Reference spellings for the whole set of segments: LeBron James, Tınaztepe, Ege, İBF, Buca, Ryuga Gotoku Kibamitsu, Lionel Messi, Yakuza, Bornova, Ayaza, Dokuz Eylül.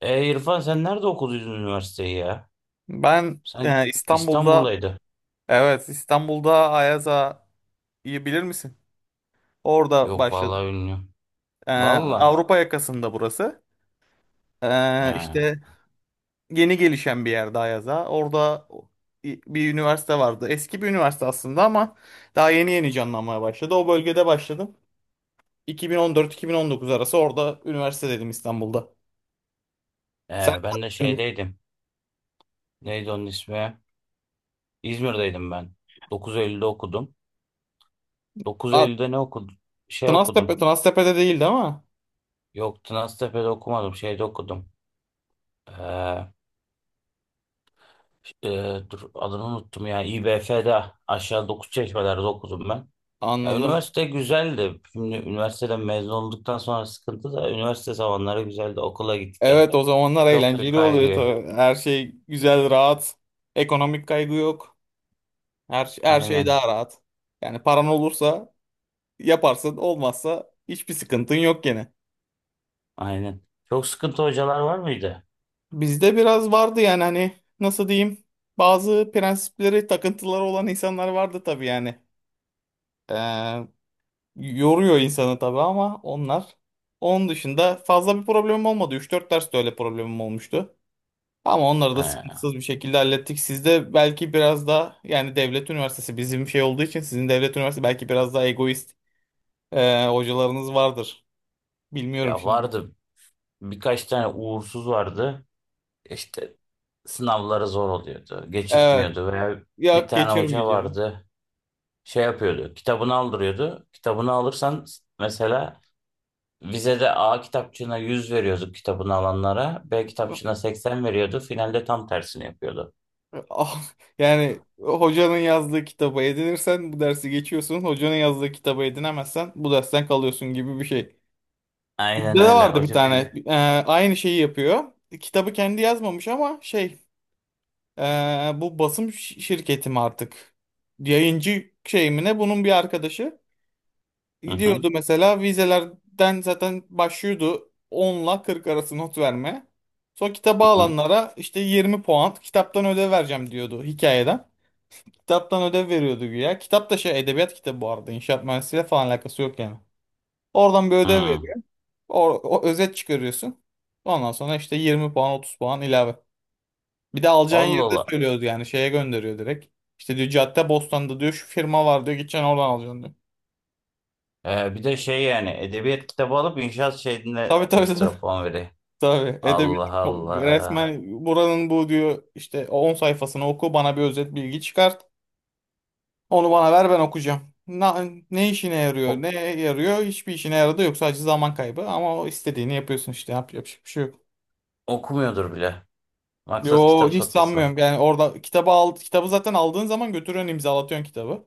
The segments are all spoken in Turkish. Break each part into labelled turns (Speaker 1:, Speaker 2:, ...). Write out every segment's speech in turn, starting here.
Speaker 1: E İrfan sen nerede okuduydun üniversiteyi ya?
Speaker 2: Ben
Speaker 1: Sanki
Speaker 2: İstanbul'da.
Speaker 1: İstanbul'daydı.
Speaker 2: Evet, İstanbul'da Ayaza, iyi bilir misin? Orada
Speaker 1: Yok vallahi
Speaker 2: başladım.
Speaker 1: bilmiyorum.
Speaker 2: E,
Speaker 1: Vallahi.
Speaker 2: Avrupa yakasında burası. E,
Speaker 1: He.
Speaker 2: işte yeni gelişen bir yerde Ayaza. Orada bir üniversite vardı. Eski bir üniversite aslında ama daha yeni yeni canlanmaya başladı. O bölgede başladım. 2014-2019 arası orada üniversite dedim İstanbul'da. Sen.
Speaker 1: Ben de şeydeydim. Neydi onun ismi? İzmir'deydim ben. Dokuz Eylül'de okudum. Dokuz
Speaker 2: Abi,
Speaker 1: Eylül'de ne okudum? Şey
Speaker 2: Tınaztepe,
Speaker 1: okudum.
Speaker 2: Tınaztepe'de değil mi?
Speaker 1: Yok, Tınaztepe'de okumadım. Şeyde okudum. E, e, Dur adını unuttum ya. İBF'de aşağı 9 çeşmelerde okudum ben. Ya,
Speaker 2: Anladım.
Speaker 1: üniversite güzeldi. Şimdi üniversiteden mezun olduktan sonra sıkıntı da üniversite zamanları güzeldi. Okula gittik.
Speaker 2: Evet, o zamanlar
Speaker 1: Çok bir
Speaker 2: eğlenceli oluyor
Speaker 1: kaygı.
Speaker 2: tabii. Her şey güzel, rahat. Ekonomik kaygı yok. Her şey
Speaker 1: Aynen.
Speaker 2: daha rahat. Yani paran olursa yaparsın, olmazsa hiçbir sıkıntın yok gene.
Speaker 1: Aynen. Çok sıkıntı hocalar var mıydı?
Speaker 2: Bizde biraz vardı yani, hani, nasıl diyeyim, bazı prensipleri, takıntıları olan insanlar vardı tabii yani. Ee, yoruyor insanı tabii ama onlar. Onun dışında fazla bir problemim olmadı. Üç dört ders de öyle problemim olmuştu. Ama onları da
Speaker 1: Ee,
Speaker 2: sıkıntısız bir şekilde hallettik. Sizde belki biraz daha yani devlet üniversitesi bizim şey olduğu için sizin devlet üniversitesi belki biraz daha egoist, hocalarınız vardır. Bilmiyorum
Speaker 1: Ya
Speaker 2: şimdi.
Speaker 1: vardı. Birkaç tane uğursuz vardı. İşte sınavları zor oluyordu.
Speaker 2: Evet.
Speaker 1: Geçirtmiyordu veya bir
Speaker 2: Ya,
Speaker 1: tane
Speaker 2: geçiyorum
Speaker 1: hoca
Speaker 2: diyeceğim.
Speaker 1: vardı. Şey yapıyordu. Kitabını aldırıyordu. Kitabını alırsan mesela vizede A kitapçığına 100 veriyorduk, kitabını alanlara. B kitapçığına 80 veriyordu. Finalde tam tersini yapıyordu.
Speaker 2: Ah, yani hocanın yazdığı kitabı edinirsen bu dersi geçiyorsun. Hocanın yazdığı kitabı edinemezsen bu dersten kalıyorsun gibi bir şey. Bizde
Speaker 1: Aynen
Speaker 2: de
Speaker 1: öyle.
Speaker 2: vardı bir
Speaker 1: Hoca bildi.
Speaker 2: tane. Aynı şeyi yapıyor. Kitabı kendi yazmamış ama şey. Bu basım şirketi mi artık? Yayıncı şey mi ne? Bunun bir arkadaşı
Speaker 1: Hı hı
Speaker 2: gidiyordu mesela, vizelerden zaten başlıyordu 10'la 40 arası not verme. Sonra kitaba
Speaker 1: hı. Hı.
Speaker 2: alanlara işte 20 puan kitaptan ödev vereceğim diyordu hikayeden. Kitaptan ödev veriyordu güya. Kitap da şey edebiyat kitabı bu arada. İnşaat mühendisliğiyle falan alakası yok yani. Oradan bir ödev
Speaker 1: Hı.
Speaker 2: veriyor. O özet çıkarıyorsun. Ondan sonra işte 20 puan 30 puan ilave. Bir de alacağın yeri
Speaker 1: Allah
Speaker 2: de
Speaker 1: Allah.
Speaker 2: söylüyordu yani, şeye gönderiyor direkt. İşte diyor Cadde Bostan'da diyor şu firma var diyor gideceksin oradan alacaksın diyor.
Speaker 1: Bir de şey, yani edebiyat kitabı alıp inşaat şeyine
Speaker 2: Tabii tabii tabii.
Speaker 1: ekstra puan veriyor.
Speaker 2: Tabii edebiyat
Speaker 1: Allah Allah.
Speaker 2: resmen buranın bu diyor işte 10 sayfasını oku bana bir özet bilgi çıkart. Onu bana ver ben okuyacağım. Na- ne işine yarıyor
Speaker 1: O-
Speaker 2: ne yarıyor hiçbir işine yaradı yok sadece zaman kaybı ama o istediğini yapıyorsun işte, yapacak bir şey yok.
Speaker 1: Okumuyordur bile. Maksat
Speaker 2: Yo,
Speaker 1: kitap
Speaker 2: hiç
Speaker 1: satılsın.
Speaker 2: sanmıyorum yani orada kitabı al kitabı zaten aldığın zaman götürüyorsun imzalatıyorsun kitabı.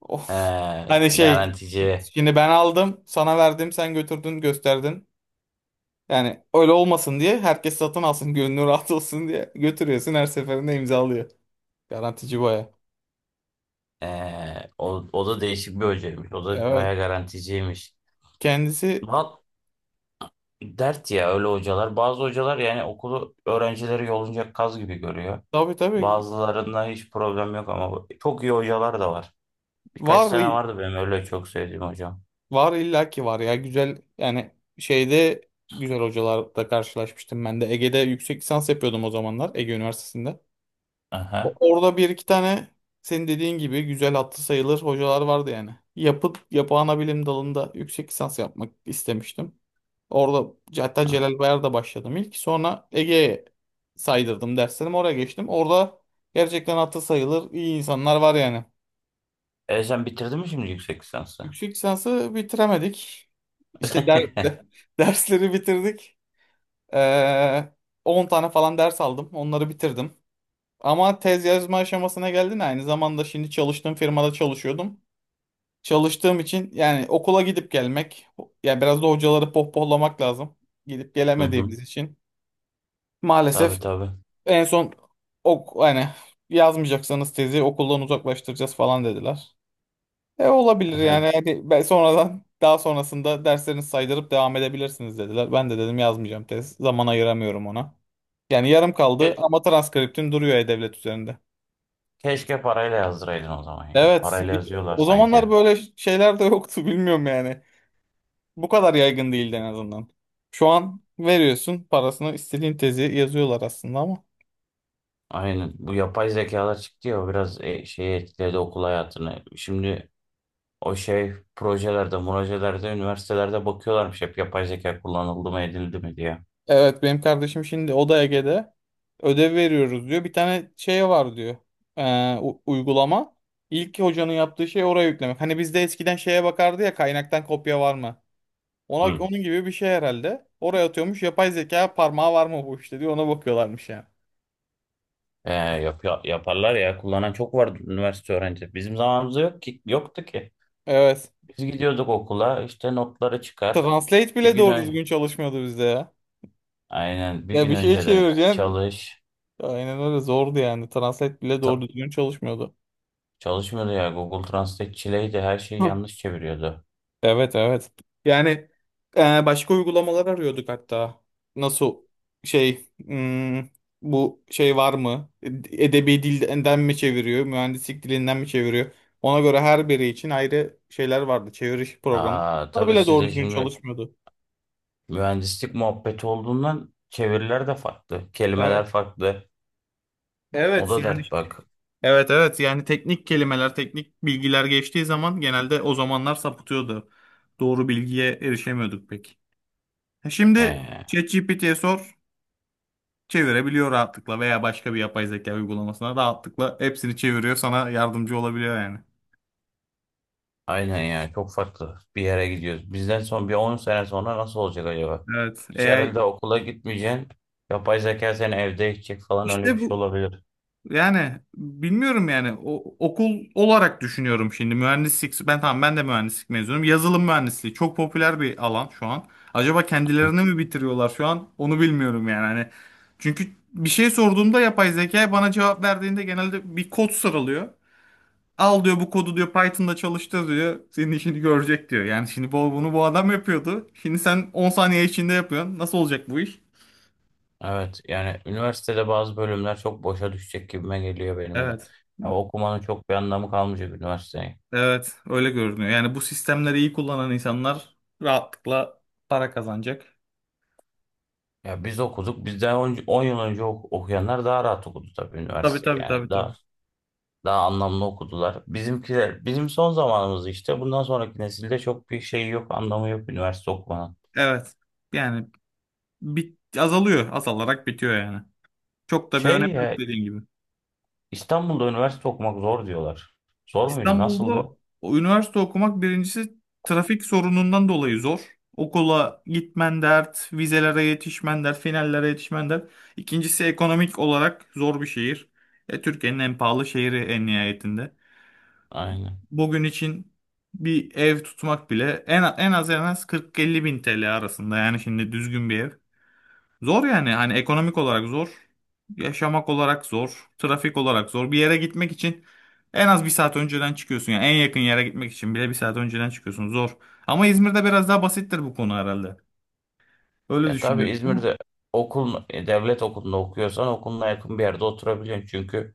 Speaker 2: Of.
Speaker 1: Ee,
Speaker 2: Hani şey,
Speaker 1: Garantici.
Speaker 2: şimdi ben aldım sana verdim sen götürdün gösterdin. Yani öyle olmasın diye herkes satın alsın gönlü rahat olsun diye götürüyorsun her seferinde imzalıyor. Garantici baya.
Speaker 1: O, o da değişik bir hocaymış. O da
Speaker 2: Evet,
Speaker 1: bayağı garanticiymiş.
Speaker 2: kendisi
Speaker 1: Bak, dert ya öyle hocalar. Bazı hocalar yani okulu, öğrencileri yolunca kaz gibi görüyor.
Speaker 2: tabii tabii
Speaker 1: Bazılarında hiç problem yok ama çok iyi hocalar da var. Birkaç
Speaker 2: var,
Speaker 1: tane vardı benim öyle çok sevdiğim hocam.
Speaker 2: var illaki var ya güzel yani, şeyde güzel hocalarla karşılaşmıştım ben de Ege'de yüksek lisans yapıyordum o zamanlar Ege Üniversitesi'nde. O-
Speaker 1: Aha.
Speaker 2: Orada bir iki tane senin dediğin gibi güzel attı sayılır hocalar vardı yani. Yapı ana bilim dalında yüksek lisans yapmak istemiştim. Orada hatta Celal Bayar'da başladım ilk. Sonra Ege'ye saydırdım derslerim oraya geçtim. Orada gerçekten attı sayılır iyi insanlar var yani.
Speaker 1: E sen bitirdin mi şimdi yüksek lisansı?
Speaker 2: Yüksek lisansı bitiremedik. İşte dersleri bitirdik. Ee, 10 tane falan ders aldım. Onları bitirdim. Ama tez yazma aşamasına geldin aynı zamanda şimdi çalıştığım firmada çalışıyordum. Çalıştığım için yani okula gidip gelmek, yani biraz da hocaları pohpohlamak lazım. Gidip
Speaker 1: Hı hı.
Speaker 2: gelemediğimiz için.
Speaker 1: Tabii
Speaker 2: Maalesef
Speaker 1: tabii.
Speaker 2: en son ok yani yazmayacaksanız tezi okuldan uzaklaştıracağız falan dediler.
Speaker 1: E
Speaker 2: Olabilir
Speaker 1: sen.
Speaker 2: yani. Yani ben sonradan daha sonrasında derslerinizi saydırıp devam edebilirsiniz dediler. Ben de dedim yazmayacağım tez. Zaman ayıramıyorum ona. Yani yarım kaldı
Speaker 1: Ke-
Speaker 2: ama transkriptim duruyor e-devlet üzerinde.
Speaker 1: Keşke parayla yazdıraydın o zaman ya.
Speaker 2: Evet.
Speaker 1: Parayla yazıyorlar
Speaker 2: O
Speaker 1: sanki.
Speaker 2: zamanlar böyle şeyler de yoktu bilmiyorum yani. Bu kadar yaygın değildi en azından. Şu an veriyorsun parasını istediğin tezi yazıyorlar aslında ama.
Speaker 1: Aynen. Bu yapay zekalar çıktı ya, o biraz şeyi etkiledi, okul hayatını. Şimdi o şey projelerde, üniversitelerde bakıyorlarmış hep yapay zeka kullanıldı mı edildi mi diye.
Speaker 2: Evet, benim kardeşim şimdi o da Ege'de ödev veriyoruz diyor. Bir tane şey var diyor. Uygulama. İlk hocanın yaptığı şey oraya yüklemek. Hani bizde eskiden şeye bakardı ya kaynaktan kopya var mı? Ona
Speaker 1: Hı.
Speaker 2: onun gibi bir şey herhalde. Oraya atıyormuş yapay zeka parmağı var mı bu işte diyor ona bakıyorlarmış yani.
Speaker 1: Yaparlar ya. Kullanan çok vardı üniversite öğrencisi. Bizim zamanımızda yok ki, yoktu ki.
Speaker 2: Evet.
Speaker 1: Biz gidiyorduk okula işte, notları çıkar.
Speaker 2: Translate
Speaker 1: Bir
Speaker 2: bile
Speaker 1: gün
Speaker 2: doğru
Speaker 1: ön-
Speaker 2: düzgün çalışmıyordu bizde ya.
Speaker 1: Aynen, bir
Speaker 2: Ya
Speaker 1: gün
Speaker 2: bir şey
Speaker 1: önceden
Speaker 2: çevireceksin.
Speaker 1: çalış.
Speaker 2: Aynen öyle zordu yani. Translate bile doğru
Speaker 1: Ta-
Speaker 2: düzgün çalışmıyordu.
Speaker 1: Çalışmıyordu ya, Google Translate çileydi, her şeyi
Speaker 2: Hı.
Speaker 1: yanlış çeviriyordu.
Speaker 2: Evet, evet. Yani başka uygulamalar arıyorduk hatta. Nasıl şey, bu şey var mı? Edebi dilden mi çeviriyor? Mühendislik dilinden mi çeviriyor? Ona göre her biri için ayrı şeyler vardı. Çeviriş programı.
Speaker 1: Aa,
Speaker 2: Bunlar
Speaker 1: tabii
Speaker 2: bile doğru
Speaker 1: sizde
Speaker 2: düzgün
Speaker 1: şimdi
Speaker 2: çalışmıyordu.
Speaker 1: mühendislik muhabbeti olduğundan çeviriler de farklı. Kelimeler
Speaker 2: Evet.
Speaker 1: farklı. O
Speaker 2: Evet
Speaker 1: da
Speaker 2: yani.
Speaker 1: dert bak.
Speaker 2: Evet, evet, yani teknik kelimeler, teknik bilgiler geçtiği zaman genelde o zamanlar sapıtıyordu. Doğru bilgiye erişemiyorduk pek. Şimdi
Speaker 1: Ee,
Speaker 2: ChatGPT'ye sor, çevirebiliyor rahatlıkla veya başka bir yapay zeka uygulamasına rahatlıkla hepsini çeviriyor, sana yardımcı olabiliyor yani.
Speaker 1: aynen ya, çok farklı bir yere gidiyoruz. Bizden son bir 10 sene sonra nasıl olacak acaba?
Speaker 2: Evet,
Speaker 1: Hiç
Speaker 2: AI
Speaker 1: herhalde okula gitmeyeceksin. Yapay zeka seni evde eğitecek falan, öyle bir
Speaker 2: işte
Speaker 1: şey
Speaker 2: bu.
Speaker 1: olabilir.
Speaker 2: Yani bilmiyorum yani o, okul olarak düşünüyorum şimdi mühendislik, ben tamam ben de mühendislik mezunuyum, yazılım mühendisliği çok popüler bir alan şu an, acaba kendilerini mi bitiriyorlar şu an onu bilmiyorum yani hani, çünkü bir şey sorduğumda yapay zeka bana cevap verdiğinde genelde bir kod sıralıyor, al diyor bu kodu diyor Python'da çalıştır diyor senin işini görecek diyor yani şimdi bunu bu adam yapıyordu şimdi sen 10 saniye içinde yapıyorsun, nasıl olacak bu iş?
Speaker 1: Evet yani üniversitede bazı bölümler çok boşa düşecek gibime geliyor benim de.
Speaker 2: Evet.
Speaker 1: Ya okumanın çok bir anlamı kalmayacak üniversiteyi.
Speaker 2: Evet, öyle görünüyor. Yani bu sistemleri iyi kullanan insanlar rahatlıkla para kazanacak.
Speaker 1: Ya biz okuduk. Bizden on on yıl önce okuyanlar daha rahat okudu tabii
Speaker 2: Tabii
Speaker 1: üniversiteyi.
Speaker 2: tabii tabii
Speaker 1: Yani
Speaker 2: tabii.
Speaker 1: daha anlamlı okudular. Bizimkiler, bizim son zamanımız işte. Bundan sonraki nesilde çok bir şey yok, anlamı yok üniversite okumanın.
Speaker 2: Evet. Yani bit azalıyor, azalarak bitiyor yani. Çok da bir
Speaker 1: Şey
Speaker 2: önemi yok
Speaker 1: ya,
Speaker 2: dediğin gibi.
Speaker 1: İstanbul'da üniversite okumak zor diyorlar. Zor muydu?
Speaker 2: İstanbul'da
Speaker 1: Nasıldı?
Speaker 2: o üniversite okumak birincisi trafik sorunundan dolayı zor. Okula gitmen dert, vizelere yetişmen dert, finallere yetişmen dert. İkincisi ekonomik olarak zor bir şehir. Türkiye'nin en pahalı şehri en nihayetinde.
Speaker 1: Aynen.
Speaker 2: Bugün için bir ev tutmak bile en az 40-50 bin TL arasında yani şimdi düzgün bir ev. Zor yani hani ekonomik olarak zor, yaşamak olarak zor, trafik olarak zor. Bir yere gitmek için en az bir saat önceden çıkıyorsun yani en yakın yere gitmek için bile bir saat önceden çıkıyorsun zor. Ama İzmir'de biraz daha basittir bu konu herhalde. Öyle
Speaker 1: Ya tabii
Speaker 2: düşünüyorum. Değil mi?
Speaker 1: İzmir'de okul, devlet okulunda okuyorsan okuluna yakın bir yerde oturabiliyorsun. Çünkü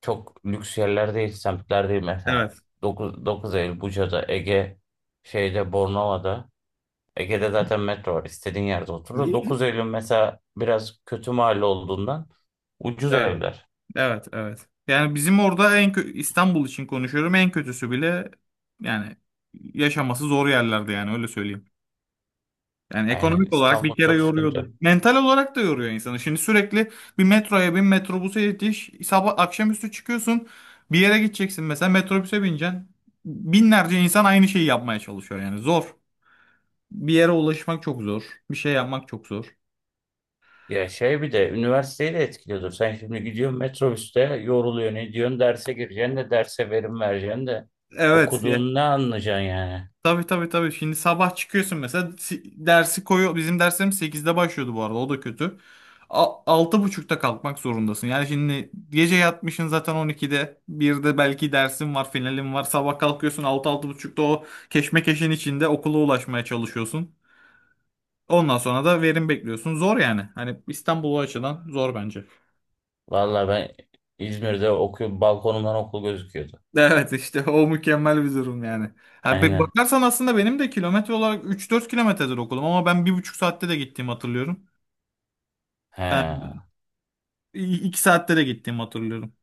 Speaker 1: çok lüks yerler değil, semtler değil mesela.
Speaker 2: Evet.
Speaker 1: 9, 9 Eylül Buca'da, Ege şeyde Bornova'da. Ege'de zaten metro var. İstediğin yerde otur. Da 9 Eylül mesela biraz kötü mahalle olduğundan ucuz
Speaker 2: Evet.
Speaker 1: evler.
Speaker 2: Evet, evet. Yani bizim orada İstanbul için konuşuyorum en kötüsü bile yani yaşaması zor yerlerde yani öyle söyleyeyim. Yani
Speaker 1: Aynen,
Speaker 2: ekonomik olarak bir
Speaker 1: İstanbul
Speaker 2: kere
Speaker 1: çok sıkıntı.
Speaker 2: yoruyordu. Mental olarak da yoruyor insanı. Şimdi sürekli bir metroya bin metrobüse yetiş. Sabah akşamüstü çıkıyorsun. Bir yere gideceksin mesela metrobüse bineceksin. Binlerce insan aynı şeyi yapmaya çalışıyor yani zor. Bir yere ulaşmak çok zor. Bir şey yapmak çok zor.
Speaker 1: Ya şey, bir de üniversiteyi de etkiliyordur. Sen şimdi gidiyorsun metrobüste yoruluyorsun ediyorsun, derse gireceksin de derse verim vereceksin de
Speaker 2: Evet.
Speaker 1: okuduğun ne anlayacaksın yani.
Speaker 2: Tabii tabii tabii. Şimdi sabah çıkıyorsun mesela dersi koyuyor. Bizim derslerimiz 8'de başlıyordu bu arada. O da kötü. Altı buçukta kalkmak zorundasın. Yani şimdi gece yatmışsın zaten 12'de. Bir de belki dersin var, finalin var. Sabah kalkıyorsun altı altı buçukta o keşmekeşin içinde okula ulaşmaya çalışıyorsun. Ondan sonra da verim bekliyorsun. Zor yani. Hani İstanbul o açıdan zor bence.
Speaker 1: Valla ben İzmir'de okuyorum, balkonumdan okul gözüküyordu.
Speaker 2: Evet işte o mükemmel bir durum yani. Ha,
Speaker 1: Aynen.
Speaker 2: bakarsan aslında benim de kilometre olarak 3-4 kilometredir okulum ama ben bir buçuk saatte de gittiğimi hatırlıyorum. Ben
Speaker 1: He.
Speaker 2: iki saatlere gittiğimi hatırlıyorum.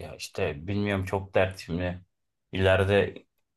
Speaker 1: Ya işte bilmiyorum, çok dert şimdi. İleride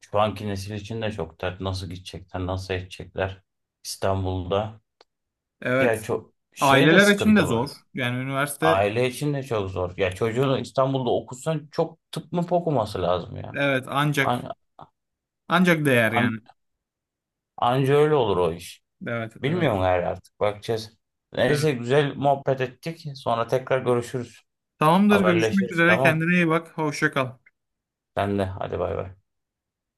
Speaker 1: şu anki nesil için de çok dert. Nasıl gidecekler, nasıl edecekler İstanbul'da. Ya
Speaker 2: Evet.
Speaker 1: çok şey de
Speaker 2: Aileler için de
Speaker 1: sıkıntı bu.
Speaker 2: zor. Yani üniversite,
Speaker 1: Aile için de çok zor. Ya çocuğunu İstanbul'da okutsan çok, tıp mı okuması lazım ya.
Speaker 2: evet, ancak
Speaker 1: An,
Speaker 2: ancak değer
Speaker 1: an-
Speaker 2: yani.
Speaker 1: anca öyle olur o iş.
Speaker 2: Evet,
Speaker 1: Bilmiyorum
Speaker 2: evet.
Speaker 1: gayrı, artık bakacağız.
Speaker 2: Evet.
Speaker 1: Neyse, güzel muhabbet ettik. Sonra tekrar görüşürüz.
Speaker 2: Tamamdır. Görüşmek
Speaker 1: Haberleşiriz,
Speaker 2: üzere.
Speaker 1: tamam.
Speaker 2: Kendine iyi bak. Hoşça kal.
Speaker 1: Sen de hadi, bay bay.